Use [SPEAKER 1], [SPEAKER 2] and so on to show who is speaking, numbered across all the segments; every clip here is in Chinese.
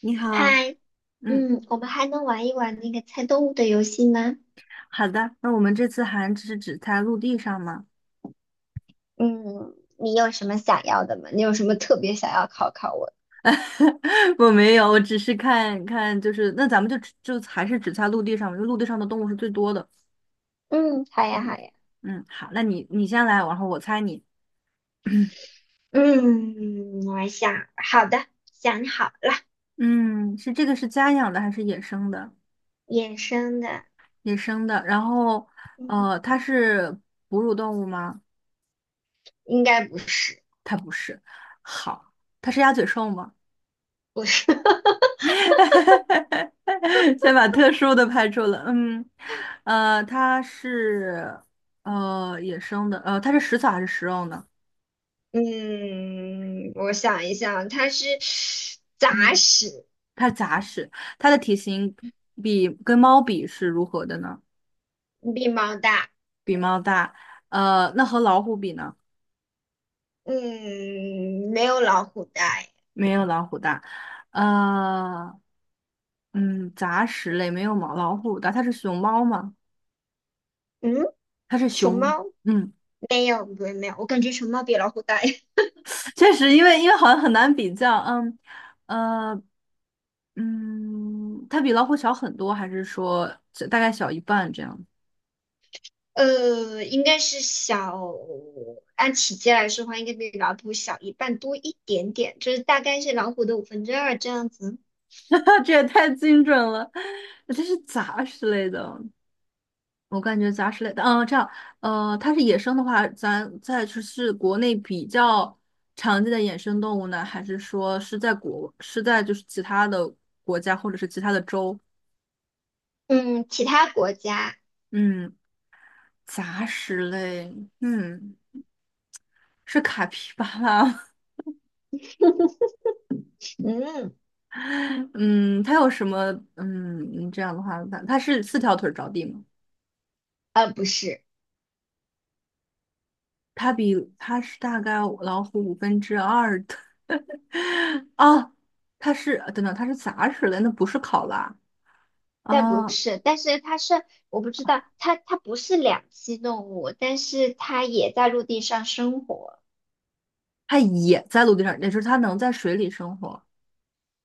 [SPEAKER 1] 你好。
[SPEAKER 2] 嗨，
[SPEAKER 1] 嗯，
[SPEAKER 2] 嗯，我们还能玩一玩那个猜动物的游戏吗？
[SPEAKER 1] 好的。那我们这次还只在陆地上吗？
[SPEAKER 2] 嗯，你有什么想要的吗？你有什么特别想要考考我？
[SPEAKER 1] 我没有，我只是看看，就是那咱们就只就还是只在陆地上嘛，因为陆地上的动物是最多的。
[SPEAKER 2] 嗯，好呀，好
[SPEAKER 1] 嗯
[SPEAKER 2] 呀。
[SPEAKER 1] 嗯，好，那你先来，然后我猜你。
[SPEAKER 2] 嗯，我想，好的，想好了，
[SPEAKER 1] 嗯，这个是家养的还是野生的？
[SPEAKER 2] 野生的，
[SPEAKER 1] 野生的，然后
[SPEAKER 2] 嗯，
[SPEAKER 1] 它是哺乳动物吗？
[SPEAKER 2] 应该不是，
[SPEAKER 1] 它不是。好，它是鸭嘴兽吗？
[SPEAKER 2] 不是。
[SPEAKER 1] 先把特殊的排除了。嗯，它是野生的，它是食草还是食肉呢？
[SPEAKER 2] 嗯，我想一想，它是杂
[SPEAKER 1] 嗯，
[SPEAKER 2] 食，
[SPEAKER 1] 它是杂食，它的体型比跟猫比是如何的呢？
[SPEAKER 2] 比猫大。
[SPEAKER 1] 比猫大，那和老虎比呢？
[SPEAKER 2] 嗯，没有老虎大
[SPEAKER 1] 没有老虎大。呃，杂食类没有毛老虎大，它是熊猫吗？
[SPEAKER 2] 嗯，
[SPEAKER 1] 它是
[SPEAKER 2] 熊
[SPEAKER 1] 熊，
[SPEAKER 2] 猫
[SPEAKER 1] 嗯。
[SPEAKER 2] 没有，不是没有，我感觉熊猫比老虎大，
[SPEAKER 1] 确实，因为好像很难比较。嗯，呃，它比老虎小很多，还是说这大概小一半这样？
[SPEAKER 2] 应该是小，按体积来说的话，应该比老虎小一半多一点点，就是大概是老虎的五分之二这样子。
[SPEAKER 1] 这也太精准了。这是杂食类的，我感觉杂食类的，嗯，这样，它是野生的话，咱再就是国内比较常见的野生动物呢，还是说是在国是在就是其他的国家或者是其他的州？
[SPEAKER 2] 嗯，其他国家，
[SPEAKER 1] 嗯，杂食类，嗯，是卡皮巴拉吗？
[SPEAKER 2] 嗯，
[SPEAKER 1] 嗯，它有什么？嗯，这样的话，它是四条腿着地吗？
[SPEAKER 2] 不是，
[SPEAKER 1] 它大概老虎五分之二的 啊，它是等等，它是杂食的，那不是考拉
[SPEAKER 2] 但不
[SPEAKER 1] 啊，
[SPEAKER 2] 是，但是它是，我不知道，它不是两栖动物，但是它也在陆地上生活，
[SPEAKER 1] 它也在陆地上，也就是它能在水里生活。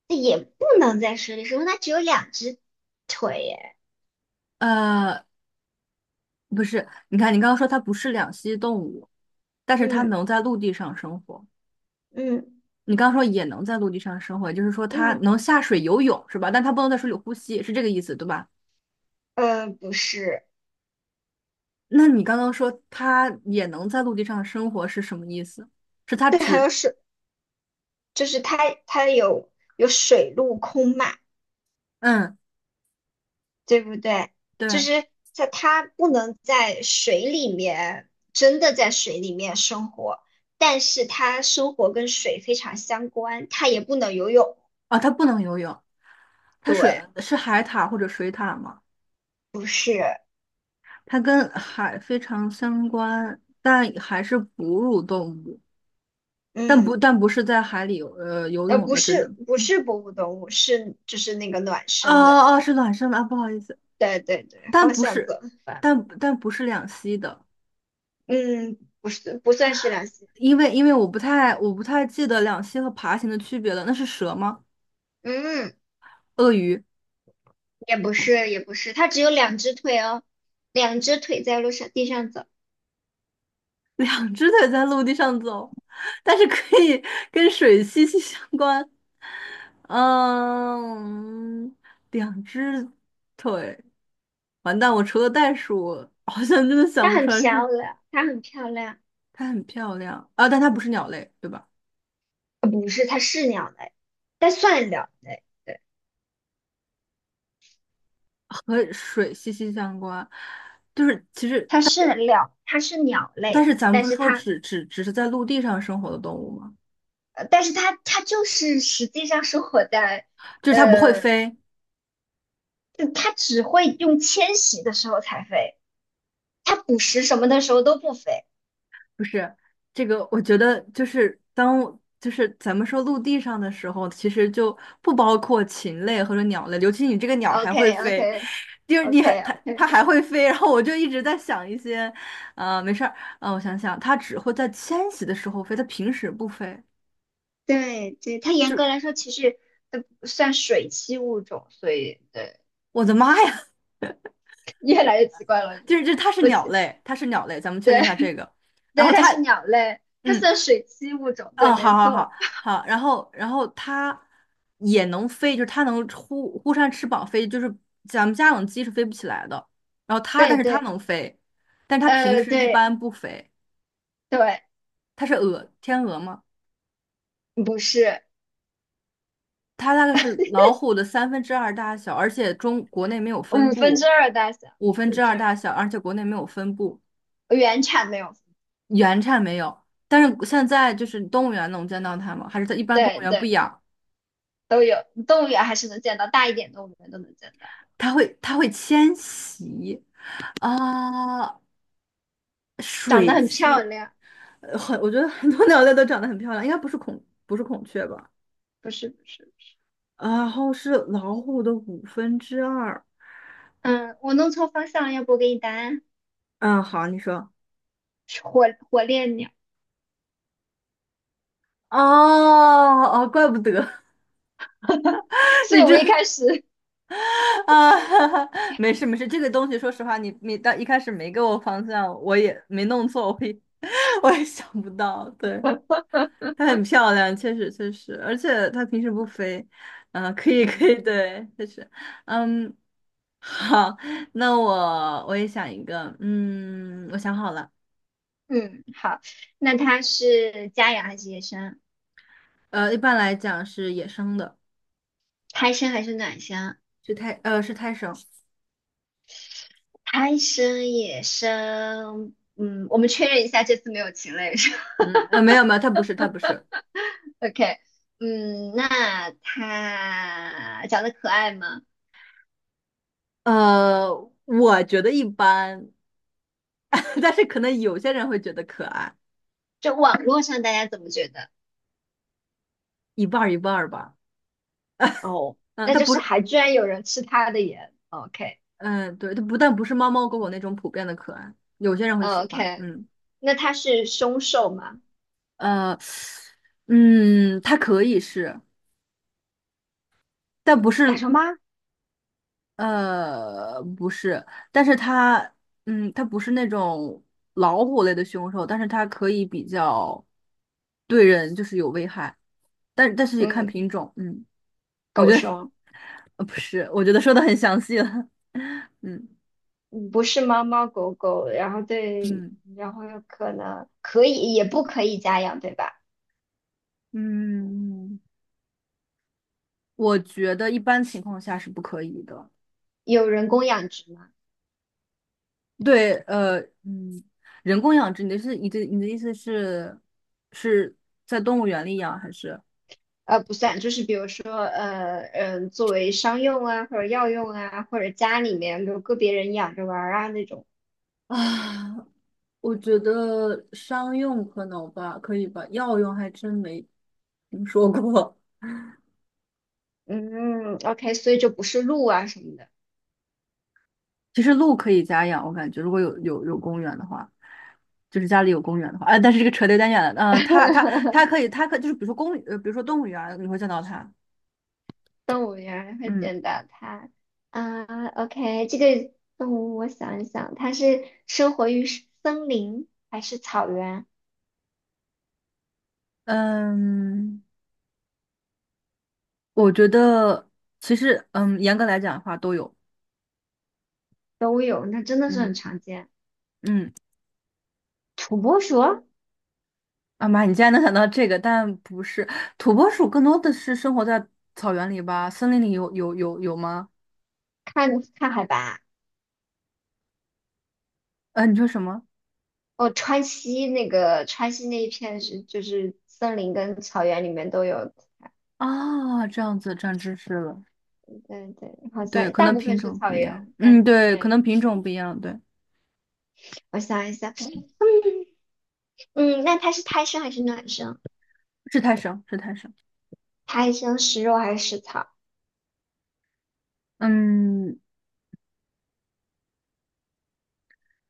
[SPEAKER 2] 也不能在水里生活，它只有两只腿耶。
[SPEAKER 1] 呃，不是，你看你刚刚说它不是两栖动物，但是它
[SPEAKER 2] 嗯
[SPEAKER 1] 能在陆地上生活。
[SPEAKER 2] 嗯
[SPEAKER 1] 你刚刚说也能在陆地上生活，也就是说它
[SPEAKER 2] 嗯，
[SPEAKER 1] 能下水游泳是吧？但它不能在水里呼吸，是这个意思对吧？
[SPEAKER 2] 不是，
[SPEAKER 1] 那你刚刚说它也能在陆地上生活是什么意思？是它
[SPEAKER 2] 对还
[SPEAKER 1] 只，
[SPEAKER 2] 有水。就是它有水陆空嘛，
[SPEAKER 1] 嗯，
[SPEAKER 2] 对不对？就
[SPEAKER 1] 对，
[SPEAKER 2] 是在它不能在水里面真的在水里面生活，但是它生活跟水非常相关，它也不能游泳。
[SPEAKER 1] 啊，它不能游泳，它
[SPEAKER 2] 对，
[SPEAKER 1] 是海獭或者水獭吗？
[SPEAKER 2] 不是，
[SPEAKER 1] 它跟海非常相关，但还是哺乳动物，但
[SPEAKER 2] 嗯，
[SPEAKER 1] 不但不是在海里游呃游泳
[SPEAKER 2] 不
[SPEAKER 1] 的这
[SPEAKER 2] 是
[SPEAKER 1] 种。
[SPEAKER 2] 不是哺乳动物，是就是那个卵
[SPEAKER 1] 哦
[SPEAKER 2] 生的。
[SPEAKER 1] 哦，是卵生的啊，不好意思，
[SPEAKER 2] 对对对，
[SPEAKER 1] 但
[SPEAKER 2] 方
[SPEAKER 1] 不
[SPEAKER 2] 向走
[SPEAKER 1] 是，
[SPEAKER 2] 反了。
[SPEAKER 1] 但不是两栖的。
[SPEAKER 2] 嗯，不是不算是两栖。
[SPEAKER 1] 因为我不太记得两栖和爬行的区别了。那是蛇吗？
[SPEAKER 2] 嗯。
[SPEAKER 1] 鳄鱼？
[SPEAKER 2] 也不是，也不是，它只有两只腿哦，两只腿在路上地上走，
[SPEAKER 1] 两只腿在陆地上走，但是可以跟水息息相关。嗯，两只腿，完蛋！我除了袋鼠，好像真的想
[SPEAKER 2] 它
[SPEAKER 1] 不
[SPEAKER 2] 很
[SPEAKER 1] 出来什么。
[SPEAKER 2] 漂亮，它很漂亮。
[SPEAKER 1] 它很漂亮啊，但它不是鸟类，对吧？
[SPEAKER 2] 不是，它是鸟类，但算鸟类，
[SPEAKER 1] 和水息息相关，就是其实，
[SPEAKER 2] 它是鸟，它是鸟
[SPEAKER 1] 但
[SPEAKER 2] 类，
[SPEAKER 1] 是咱们
[SPEAKER 2] 但
[SPEAKER 1] 不是
[SPEAKER 2] 是
[SPEAKER 1] 说
[SPEAKER 2] 它，
[SPEAKER 1] 只是在陆地上生活的动物吗？
[SPEAKER 2] 但是它，就是实际上生活在，
[SPEAKER 1] 就是它不会
[SPEAKER 2] 呃，
[SPEAKER 1] 飞，
[SPEAKER 2] 它只会用迁徙的时候才飞，它捕食什么的时候都不飞。
[SPEAKER 1] 不是这个，我觉得就是当我就是咱们说陆地上的时候，其实就不包括禽类或者鸟类，尤其你这个鸟
[SPEAKER 2] o
[SPEAKER 1] 还会
[SPEAKER 2] k o
[SPEAKER 1] 飞。
[SPEAKER 2] k
[SPEAKER 1] 就是
[SPEAKER 2] o
[SPEAKER 1] 你还
[SPEAKER 2] k
[SPEAKER 1] 它
[SPEAKER 2] o
[SPEAKER 1] 它
[SPEAKER 2] k
[SPEAKER 1] 还会飞，然后我就一直在想一些，没事儿，我想想，它只会在迁徙的时候飞，它平时不飞，
[SPEAKER 2] 对对，它严
[SPEAKER 1] 就
[SPEAKER 2] 格
[SPEAKER 1] 是
[SPEAKER 2] 来说其实呃算水栖物种，所以对。
[SPEAKER 1] 我的妈呀。
[SPEAKER 2] 越来越奇怪了，是
[SPEAKER 1] 就
[SPEAKER 2] 吗？
[SPEAKER 1] 是这它是
[SPEAKER 2] 我
[SPEAKER 1] 鸟
[SPEAKER 2] 记，
[SPEAKER 1] 类，它是鸟类，咱们确认一下这个，然
[SPEAKER 2] 对，
[SPEAKER 1] 后
[SPEAKER 2] 它
[SPEAKER 1] 它。
[SPEAKER 2] 是鸟类，它
[SPEAKER 1] 嗯。
[SPEAKER 2] 算水栖物种，对，
[SPEAKER 1] 哦，
[SPEAKER 2] 没
[SPEAKER 1] 好好
[SPEAKER 2] 错，
[SPEAKER 1] 好好，然后它也能飞，就是它能忽忽扇翅膀飞，就是咱们家养的鸡是飞不起来的。然后它，
[SPEAKER 2] 对
[SPEAKER 1] 但是它
[SPEAKER 2] 对，
[SPEAKER 1] 能飞，但它平时一
[SPEAKER 2] 对
[SPEAKER 1] 般不飞，
[SPEAKER 2] 对，
[SPEAKER 1] 它是鹅，天鹅吗？
[SPEAKER 2] 不是
[SPEAKER 1] 它大概是老虎的三分之二大小，而且中国内没有分
[SPEAKER 2] 五分之
[SPEAKER 1] 布，
[SPEAKER 2] 二大小，
[SPEAKER 1] 五
[SPEAKER 2] 五
[SPEAKER 1] 分
[SPEAKER 2] 分
[SPEAKER 1] 之
[SPEAKER 2] 之
[SPEAKER 1] 二
[SPEAKER 2] 二，
[SPEAKER 1] 大小，而且国内没有分布，
[SPEAKER 2] 原产没有，
[SPEAKER 1] 原产没有。但是现在就是动物园能见到它吗？还是它一般动
[SPEAKER 2] 对
[SPEAKER 1] 物园不
[SPEAKER 2] 对，
[SPEAKER 1] 养？
[SPEAKER 2] 都有，动物园还是能见到，大一点动物园都能见到，
[SPEAKER 1] 它会它会迁徙。啊
[SPEAKER 2] 长得
[SPEAKER 1] 水
[SPEAKER 2] 很漂
[SPEAKER 1] 栖，
[SPEAKER 2] 亮，
[SPEAKER 1] 我觉得很多鸟类都长得很漂亮，应该不是孔，不是孔雀吧？
[SPEAKER 2] 不是不是不是，
[SPEAKER 1] 然后是老虎的五分之二。
[SPEAKER 2] 嗯，我弄错方向了，要不我给你答案，
[SPEAKER 1] 嗯，好啊，你说。
[SPEAKER 2] 是火烈鸟，
[SPEAKER 1] 哦哦，怪不得
[SPEAKER 2] 所以
[SPEAKER 1] 你
[SPEAKER 2] 我
[SPEAKER 1] 这
[SPEAKER 2] 一开始，
[SPEAKER 1] 啊，没事没事，这个东西说实话，你到一开始没给我方向，我也没弄错，我也 我也想不到。对，它很漂亮，确实确实，而且它平时不飞。嗯、可以可以，
[SPEAKER 2] 嗯
[SPEAKER 1] 对，确实，嗯，好，那我也想一个。嗯，我想好了，
[SPEAKER 2] 嗯，好，那它是家养还是野生？
[SPEAKER 1] 一般来讲是野生的，
[SPEAKER 2] 胎生还是卵生？
[SPEAKER 1] 是胎，呃，是胎生，
[SPEAKER 2] 贪生野生，嗯，我们确认一下，这次没有禽类是吧
[SPEAKER 1] 嗯，没有没有，它不是，它不是，
[SPEAKER 2] OK，嗯，那它长得可爱吗？
[SPEAKER 1] 呃，我觉得一般，但是可能有些人会觉得可爱，
[SPEAKER 2] 就网络上大家怎么觉得？
[SPEAKER 1] 一半儿一半儿吧。
[SPEAKER 2] 哦，
[SPEAKER 1] 嗯，
[SPEAKER 2] 那
[SPEAKER 1] 它
[SPEAKER 2] 就
[SPEAKER 1] 不
[SPEAKER 2] 是
[SPEAKER 1] 是，
[SPEAKER 2] 还居然有人吃它的盐。
[SPEAKER 1] 嗯，对，它不但不是猫猫狗狗那种普遍的可爱，有些人会喜欢。
[SPEAKER 2] OK，OK，
[SPEAKER 1] 嗯，
[SPEAKER 2] 那它是凶兽吗？
[SPEAKER 1] 呃，它可以是，但不
[SPEAKER 2] 大
[SPEAKER 1] 是。
[SPEAKER 2] 熊猫？
[SPEAKER 1] 不是，但是它，嗯，它不是那种老虎类的凶兽，但是它可以比较对人就是有危害，但是也看
[SPEAKER 2] 嗯，
[SPEAKER 1] 品种，嗯，我
[SPEAKER 2] 狗
[SPEAKER 1] 觉得
[SPEAKER 2] 熊。嗯
[SPEAKER 1] 不是，我觉得说的很详细了，嗯
[SPEAKER 2] 不是猫猫狗狗，然后对，
[SPEAKER 1] 嗯
[SPEAKER 2] 然后有可能可以，也不可以家养，对吧？
[SPEAKER 1] 嗯，我觉得一般情况下是不可以的，
[SPEAKER 2] 有人工养殖吗？
[SPEAKER 1] 对，嗯，人工养殖，你的意思是在动物园里养还是？
[SPEAKER 2] 不算，就是比如说，作为商用啊，或者药用啊，或者家里面有个别人养着玩儿啊那种。
[SPEAKER 1] 啊，我觉得商用可能吧，可以吧，药用还真没听说过。
[SPEAKER 2] 嗯，OK，所以就不是鹿啊什么的。
[SPEAKER 1] 其实鹿可以家养，我感觉如果有公园的话，就是家里有公园的话，哎，但是这个扯得有点远了。嗯、它它 它可以，就是比如说动物园儿你会见到它。
[SPEAKER 2] 动物园会
[SPEAKER 1] 嗯
[SPEAKER 2] 见到它啊。OK，这个动物我想一想，它是生活于森林还是草原
[SPEAKER 1] 嗯，我觉得其实嗯，严格来讲的话都有。
[SPEAKER 2] 都有，那真的是很
[SPEAKER 1] 嗯
[SPEAKER 2] 常见。
[SPEAKER 1] 嗯，
[SPEAKER 2] 土拨鼠，
[SPEAKER 1] 啊妈，你竟然能想到这个，但不是土拨鼠，更多的是生活在草原里吧？森林里有吗？
[SPEAKER 2] 看看海拔。
[SPEAKER 1] 你说什么？
[SPEAKER 2] 哦，川西那一片就是森林跟草原里面都有
[SPEAKER 1] 啊，这样子长知识了。
[SPEAKER 2] 对对，好
[SPEAKER 1] 对，
[SPEAKER 2] 像
[SPEAKER 1] 可
[SPEAKER 2] 大
[SPEAKER 1] 能
[SPEAKER 2] 部
[SPEAKER 1] 品
[SPEAKER 2] 分是
[SPEAKER 1] 种
[SPEAKER 2] 草
[SPEAKER 1] 不一样。
[SPEAKER 2] 原，但
[SPEAKER 1] 嗯，对，可
[SPEAKER 2] 对
[SPEAKER 1] 能品
[SPEAKER 2] 对，
[SPEAKER 1] 种不一样。对，
[SPEAKER 2] 我想一下，嗯，那它是胎生还是卵生？
[SPEAKER 1] 是太少，是太少。
[SPEAKER 2] 胎生食肉还是食草？
[SPEAKER 1] 嗯，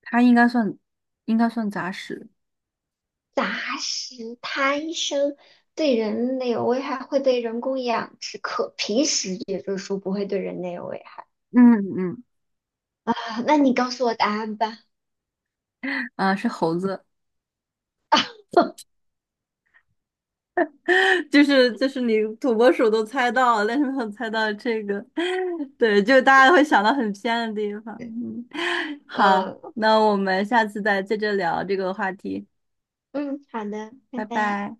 [SPEAKER 1] 它应该算杂食。
[SPEAKER 2] 杂食胎生对人类有危害，会被人工养殖，可平时也就是说不会对人类有危害
[SPEAKER 1] 嗯嗯，
[SPEAKER 2] 啊。那你告诉我答案吧。
[SPEAKER 1] 啊，是猴子。就是就是你土拨鼠都猜到了，但是没有猜到这个。对，就大家会想到很偏的地方。嗯，好，
[SPEAKER 2] 嗯
[SPEAKER 1] 那我们下次再接着聊这个话题，
[SPEAKER 2] 嗯，好的，拜
[SPEAKER 1] 拜
[SPEAKER 2] 拜。
[SPEAKER 1] 拜。